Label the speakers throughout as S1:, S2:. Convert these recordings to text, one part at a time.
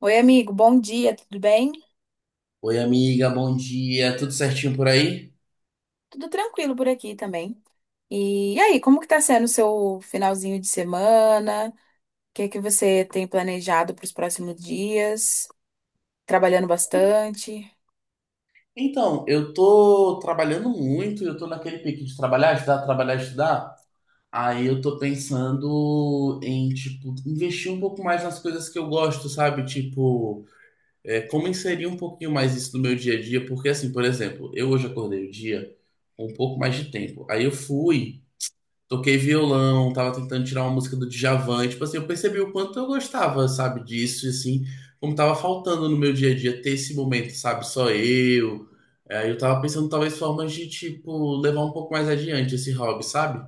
S1: Oi, amigo, bom dia, tudo bem?
S2: Oi, amiga, bom dia. Tudo certinho por aí?
S1: Tudo tranquilo por aqui também. E aí, como que tá sendo o seu finalzinho de semana? O que é que você tem planejado para os próximos dias? Trabalhando
S2: E-
S1: bastante?
S2: Então, eu tô trabalhando muito, eu tô naquele pique de trabalhar, estudar, trabalhar, estudar. Aí eu tô pensando em, tipo, investir um pouco mais nas coisas que eu gosto, sabe? Tipo, é, como inserir um pouquinho mais isso no meu dia a dia? Porque, assim, por exemplo, eu hoje acordei o dia com um pouco mais de tempo. Aí eu fui. Toquei violão, tava tentando tirar uma música do Djavan, e, tipo assim, eu percebi o quanto eu gostava, sabe, disso, e assim, como tava faltando no meu dia a dia ter esse momento, sabe, só eu. Aí eu tava pensando talvez formas de, tipo, levar um pouco mais adiante esse hobby, sabe?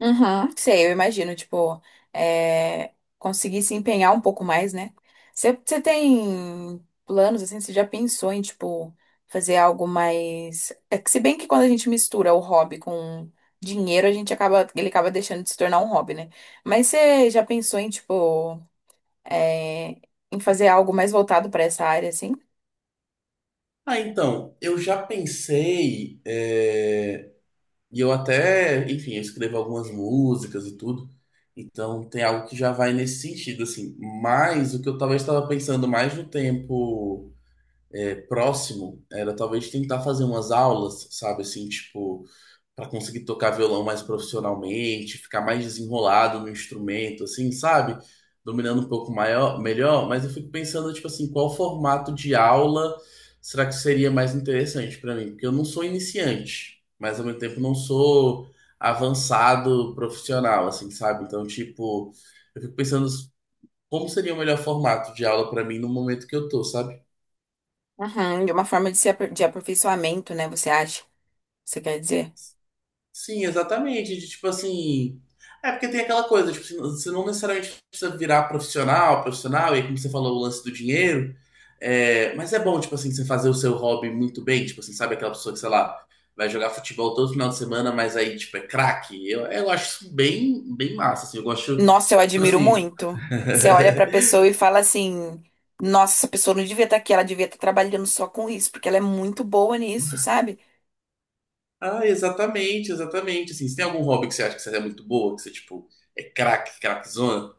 S1: Uhum, sei, eu imagino, tipo, conseguir se empenhar um pouco mais, né? Você tem planos, assim, você já pensou em, tipo, fazer algo mais... É que se bem que quando a gente mistura o hobby com dinheiro, a gente acaba, ele acaba deixando de se tornar um hobby, né? Mas você já pensou em, tipo, é, em fazer algo mais voltado para essa área, assim?
S2: Ah, então, eu já pensei, é, e eu até, enfim, eu escrevo algumas músicas e tudo, então tem algo que já vai nesse sentido, assim, mas o que eu talvez estava pensando mais no tempo é, próximo era talvez tentar fazer umas aulas, sabe, assim, tipo, para conseguir tocar violão mais profissionalmente, ficar mais desenrolado no instrumento, assim, sabe? Dominando um pouco maior, melhor, mas eu fico pensando, tipo assim, qual formato de aula será que seria mais interessante para mim? Porque eu não sou iniciante, mas ao mesmo tempo não sou avançado profissional, assim, sabe? Então, tipo, eu fico pensando como seria o melhor formato de aula para mim no momento que eu tô, sabe?
S1: Uhum, de uma forma de, se apr- de aperfeiçoamento, né, você acha? Você quer dizer?
S2: Sim, exatamente. De, tipo assim. É porque tem aquela coisa, tipo, assim, você não necessariamente precisa virar profissional, profissional, e aí, como você falou, o lance do dinheiro. É, mas é bom, tipo assim, você fazer o seu hobby muito bem. Tipo assim, sabe aquela pessoa que, sei lá, vai jogar futebol todo final de semana, mas aí, tipo, é craque. Eu acho isso bem, bem massa, assim. Eu gosto,
S1: Nossa, eu
S2: tipo
S1: admiro
S2: assim.
S1: muito. Você olha pra pessoa e fala assim: nossa, essa pessoa não devia estar aqui, ela devia estar trabalhando só com isso, porque ela é muito boa nisso, sabe?
S2: Ah, exatamente, exatamente. Assim, você tem algum hobby que você acha que você é muito boa, que você, tipo, é craque, craquezona?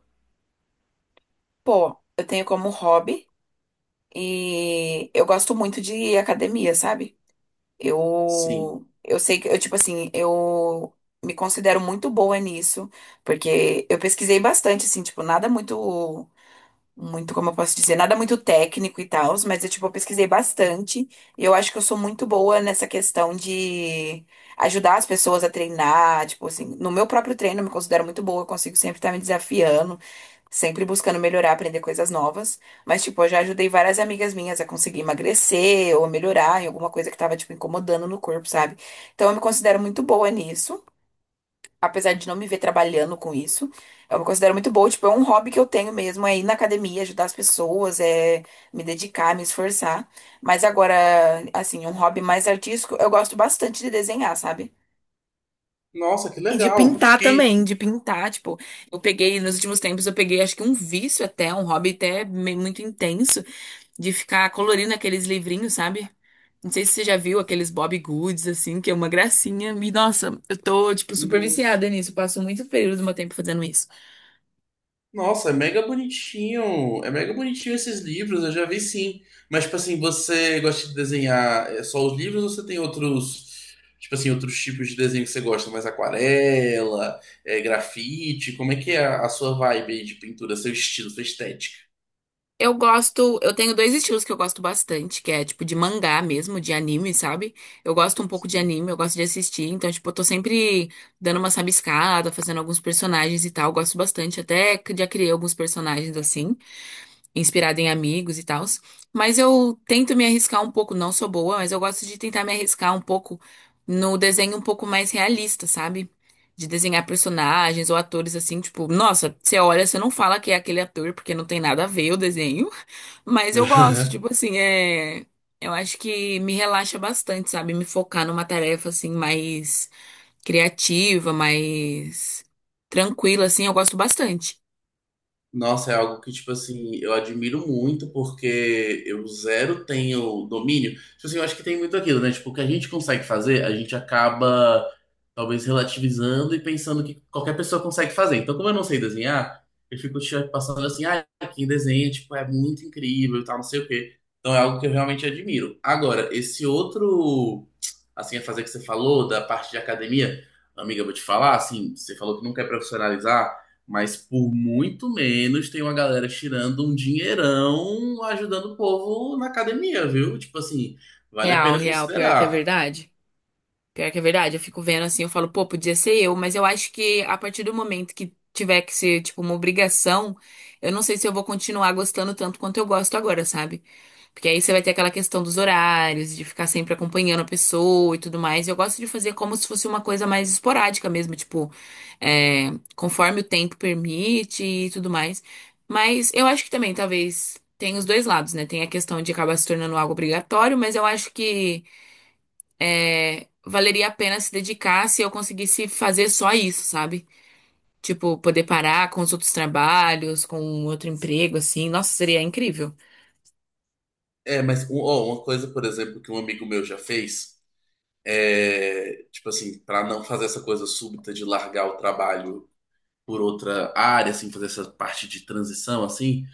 S1: Pô, eu tenho como hobby e eu gosto muito de academia, sabe?
S2: Sim.
S1: Eu sei que, eu, tipo assim, eu me considero muito boa nisso, porque eu pesquisei bastante, assim, tipo, nada muito. Muito, como eu posso dizer, nada muito técnico e tal, mas eu, tipo, eu pesquisei bastante e eu acho que eu sou muito boa nessa questão de ajudar as pessoas a treinar, tipo assim, no meu próprio treino eu me considero muito boa, eu consigo sempre estar me desafiando, sempre buscando melhorar, aprender coisas novas, mas, tipo, eu já ajudei várias amigas minhas a conseguir emagrecer ou melhorar em alguma coisa que tava, tipo, incomodando no corpo, sabe? Então eu me considero muito boa nisso apesar de não me ver trabalhando com isso, eu me considero muito boa. Tipo, é um hobby que eu tenho mesmo, é ir na academia, ajudar as pessoas, é me dedicar, me esforçar. Mas agora, assim, um hobby mais artístico, eu gosto bastante de desenhar, sabe?
S2: Nossa, que
S1: E de
S2: legal.
S1: pintar também, de pintar, tipo, eu peguei, nos últimos tempos, eu peguei acho que um vício até, um hobby muito intenso, de ficar colorindo aqueles livrinhos, sabe? Não sei se você já viu aqueles Bob Goods, assim, que é uma gracinha. E, nossa, eu tô, tipo, super
S2: Nossa,
S1: viciada nisso. Eu passo muito período do meu tempo fazendo isso.
S2: Nossa, é mega bonitinho. É mega bonitinho esses livros, eu já vi sim. Mas, tipo assim, você gosta de desenhar é, só os livros ou você tem outros, tipo assim, outros tipos de desenho que você gosta? Mais aquarela, é, grafite? Como é que é a sua vibe aí de pintura, seu estilo, sua estética?
S1: Eu gosto, eu tenho dois estilos que eu gosto bastante, que é, tipo, de mangá mesmo, de anime, sabe? Eu gosto um pouco de
S2: Sim.
S1: anime, eu gosto de assistir. Então, tipo, eu tô sempre dando uma sabiscada, fazendo alguns personagens e tal. Eu gosto bastante, até que já criei alguns personagens, assim, inspirada em amigos e tal. Mas eu tento me arriscar um pouco, não sou boa, mas eu gosto de tentar me arriscar um pouco no desenho um pouco mais realista, sabe? De desenhar personagens ou atores assim, tipo, nossa, você olha, você não fala que é aquele ator porque não tem nada a ver o desenho, mas eu gosto, tipo assim, eu acho que me relaxa bastante, sabe? Me focar numa tarefa assim mais criativa, mais tranquila assim, eu gosto bastante.
S2: Nossa, é algo que, tipo assim, eu admiro muito, porque eu zero tenho domínio. Tipo assim, eu acho que tem muito aquilo, né? Tipo, o que a gente consegue fazer, a gente acaba talvez relativizando e pensando que qualquer pessoa consegue fazer. Então, como eu não sei desenhar, eu fico tipo, passando assim, ah, quem desenha, tipo, é muito incrível e tal, não sei o quê. Então, é algo que eu realmente admiro. Agora, esse outro, assim, a fazer que você falou, da parte de academia, amiga, eu vou te falar, assim, você falou que não quer profissionalizar. Mas por muito menos tem uma galera tirando um dinheirão ajudando o povo na academia, viu? Tipo assim, vale a
S1: Real,
S2: pena
S1: real, pior que é
S2: considerar.
S1: verdade. Pior que é verdade, eu fico vendo assim, eu falo, pô, podia ser eu, mas eu acho que a partir do momento que tiver que ser, tipo, uma obrigação, eu não sei se eu vou continuar gostando tanto quanto eu gosto agora, sabe? Porque aí você vai ter aquela questão dos horários, de ficar sempre acompanhando a pessoa e tudo mais. Eu gosto de fazer como se fosse uma coisa mais esporádica mesmo, tipo, conforme o tempo permite e tudo mais. Mas eu acho que também, talvez, tem os dois lados, né? Tem a questão de acabar se tornando algo obrigatório, mas eu acho que. É, valeria a pena se dedicar se eu conseguisse fazer só isso, sabe? Tipo, poder parar com os outros trabalhos, com outro emprego, assim. Nossa, seria incrível.
S2: É, mas um- ó, uma coisa, por exemplo, que um amigo meu já fez é, tipo assim, para não fazer essa coisa súbita de largar o trabalho por outra área, assim, fazer essa parte de transição, assim,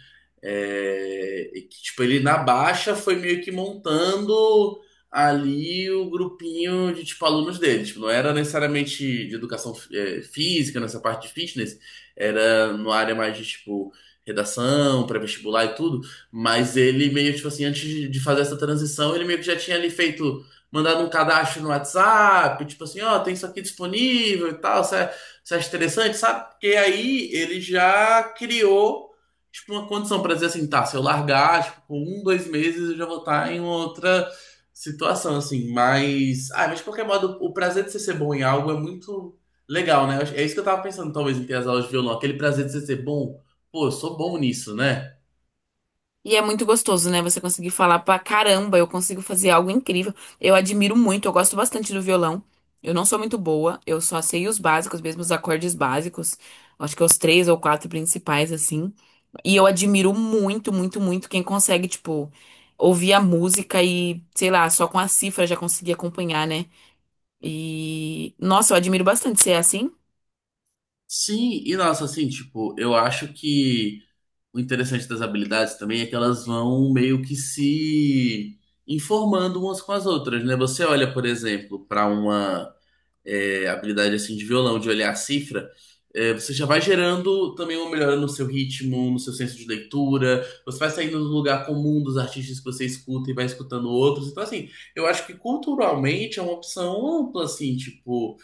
S2: é, e que, tipo, ele na baixa foi meio que montando ali o grupinho de, tipo, alunos dele. Tipo, não era necessariamente de educação é, física, nessa parte de fitness, era numa área mais de, tipo, redação, pré-vestibular e tudo, mas ele meio, tipo assim, antes de fazer essa transição, ele meio que já tinha ali feito, mandado um cadastro no WhatsApp, tipo assim, ó, tem isso aqui disponível e tal, você acha interessante, sabe? Porque aí ele já criou tipo, uma condição pra dizer assim, tá, se eu largar, tipo, com um, dois meses eu já vou estar em outra situação, assim, mas, ah, mas de qualquer modo, o prazer de você ser bom em algo é muito legal, né? Eu acho- É isso que eu tava pensando, talvez, em ter as aulas de violão, aquele prazer de você ser bom, pô, eu sou bom nisso, né?
S1: E é muito gostoso, né? Você conseguir falar pra caramba, eu consigo fazer algo incrível. Eu admiro muito, eu gosto bastante do violão. Eu não sou muito boa, eu só sei os básicos, mesmo os acordes básicos. Acho que os três ou quatro principais, assim. E eu admiro muito, muito, muito quem consegue, tipo, ouvir a música e, sei lá, só com a cifra já conseguir acompanhar, né? E, nossa, eu admiro bastante ser assim.
S2: Sim, e nossa, assim, tipo, eu acho que o interessante das habilidades também é que elas vão meio que se informando umas com as outras, né? Você olha, por exemplo, para uma é, habilidade assim de violão, de olhar a cifra, é, você já vai gerando também uma melhora no seu ritmo, no seu senso de leitura, você vai saindo do lugar comum dos artistas que você escuta e vai escutando outros. Então, assim, eu acho que culturalmente é uma opção ampla, assim, tipo.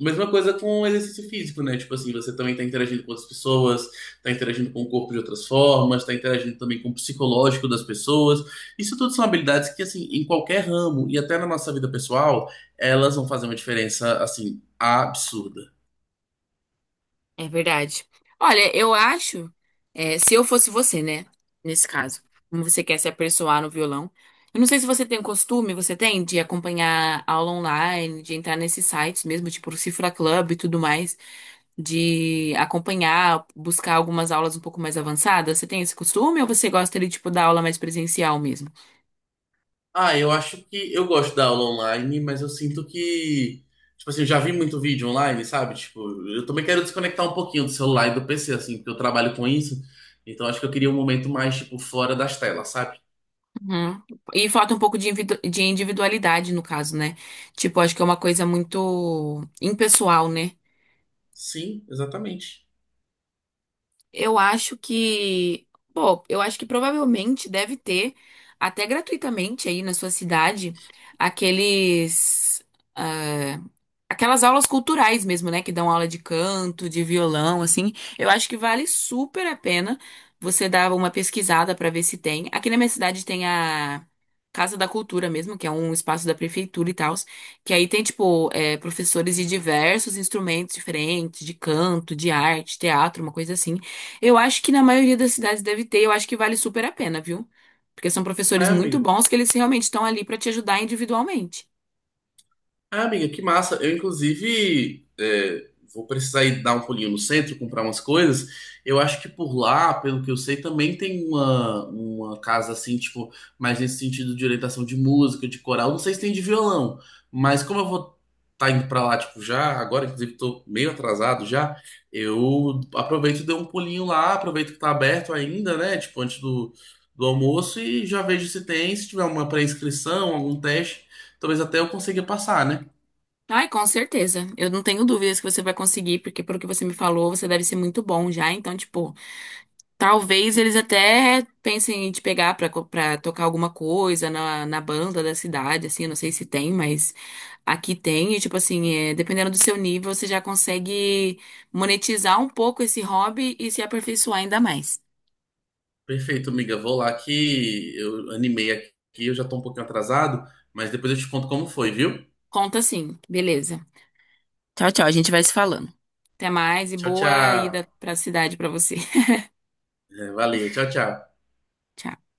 S2: Mesma coisa com o exercício físico, né? Tipo assim, você também tá interagindo com outras pessoas, tá interagindo com o corpo de outras formas, tá interagindo também com o psicológico das pessoas. Isso tudo são habilidades que, assim, em qualquer ramo e até na nossa vida pessoal, elas vão fazer uma diferença, assim, absurda.
S1: É verdade. Olha, eu acho, se eu fosse você, né? Nesse caso, como você quer se aperfeiçoar no violão. Eu não sei se você tem o costume, você tem, de acompanhar aula online, de entrar nesses sites mesmo, tipo o Cifra Club e tudo mais, de acompanhar, buscar algumas aulas um pouco mais avançadas. Você tem esse costume ou você gosta de, tipo, da aula mais presencial mesmo?
S2: Ah, eu acho que eu gosto da aula online, mas eu sinto que, tipo assim, eu já vi muito vídeo online, sabe? Tipo, eu também quero desconectar um pouquinho do celular e do PC, assim, porque eu trabalho com isso. Então acho que eu queria um momento mais, tipo, fora das telas, sabe?
S1: Uhum. E falta um pouco de de individualidade no caso, né? Tipo, acho que é uma coisa muito impessoal, né?
S2: Sim, exatamente.
S1: Eu acho que, pô, eu acho que provavelmente deve ter, até gratuitamente aí na sua cidade, aqueles, ah, aquelas aulas culturais mesmo, né? Que dão aula de canto, de violão, assim. Eu acho que vale super a pena você dar uma pesquisada para ver se tem. Aqui na minha cidade tem a Casa da Cultura mesmo, que é um espaço da prefeitura e tal, que aí tem, tipo, professores de diversos instrumentos diferentes, de canto, de arte, teatro, uma coisa assim. Eu acho que na maioria das cidades deve ter, eu acho que vale super a pena, viu? Porque são
S2: É,
S1: professores muito
S2: amiga.
S1: bons que eles realmente estão ali para te ajudar individualmente.
S2: Ah, amiga, que massa. Eu, inclusive, é, vou precisar ir dar um pulinho no centro, comprar umas coisas. Eu acho que por lá, pelo que eu sei, também tem uma casa assim, tipo, mais nesse sentido de orientação de música, de coral. Não sei se tem de violão, mas como eu vou estar indo pra lá, tipo, já, agora, inclusive, tô meio atrasado já, eu aproveito e dou um pulinho lá, aproveito que tá aberto ainda, né? Tipo, antes do, do almoço e já vejo se tem, se tiver uma pré-inscrição, algum teste. Talvez até eu consiga passar, né?
S1: Ai, com certeza. Eu não tenho dúvidas que você vai conseguir, porque pelo que você me falou, você deve ser muito bom já. Então, tipo, talvez eles até pensem em te pegar pra, pra tocar alguma coisa na, na banda da cidade, assim, eu não sei se tem, mas aqui tem. E, tipo assim, dependendo do seu nível, você já consegue monetizar um pouco esse hobby e se aperfeiçoar ainda mais.
S2: Perfeito, amiga. Vou lá que eu animei aqui, eu já tô um pouquinho atrasado, mas depois eu te conto como foi, viu?
S1: Conta sim, beleza. Tchau, tchau. A gente vai se falando. Até mais e
S2: Tchau,
S1: boa
S2: tchau.
S1: ida pra cidade pra você.
S2: É, valeu, tchau, tchau.
S1: Tchau.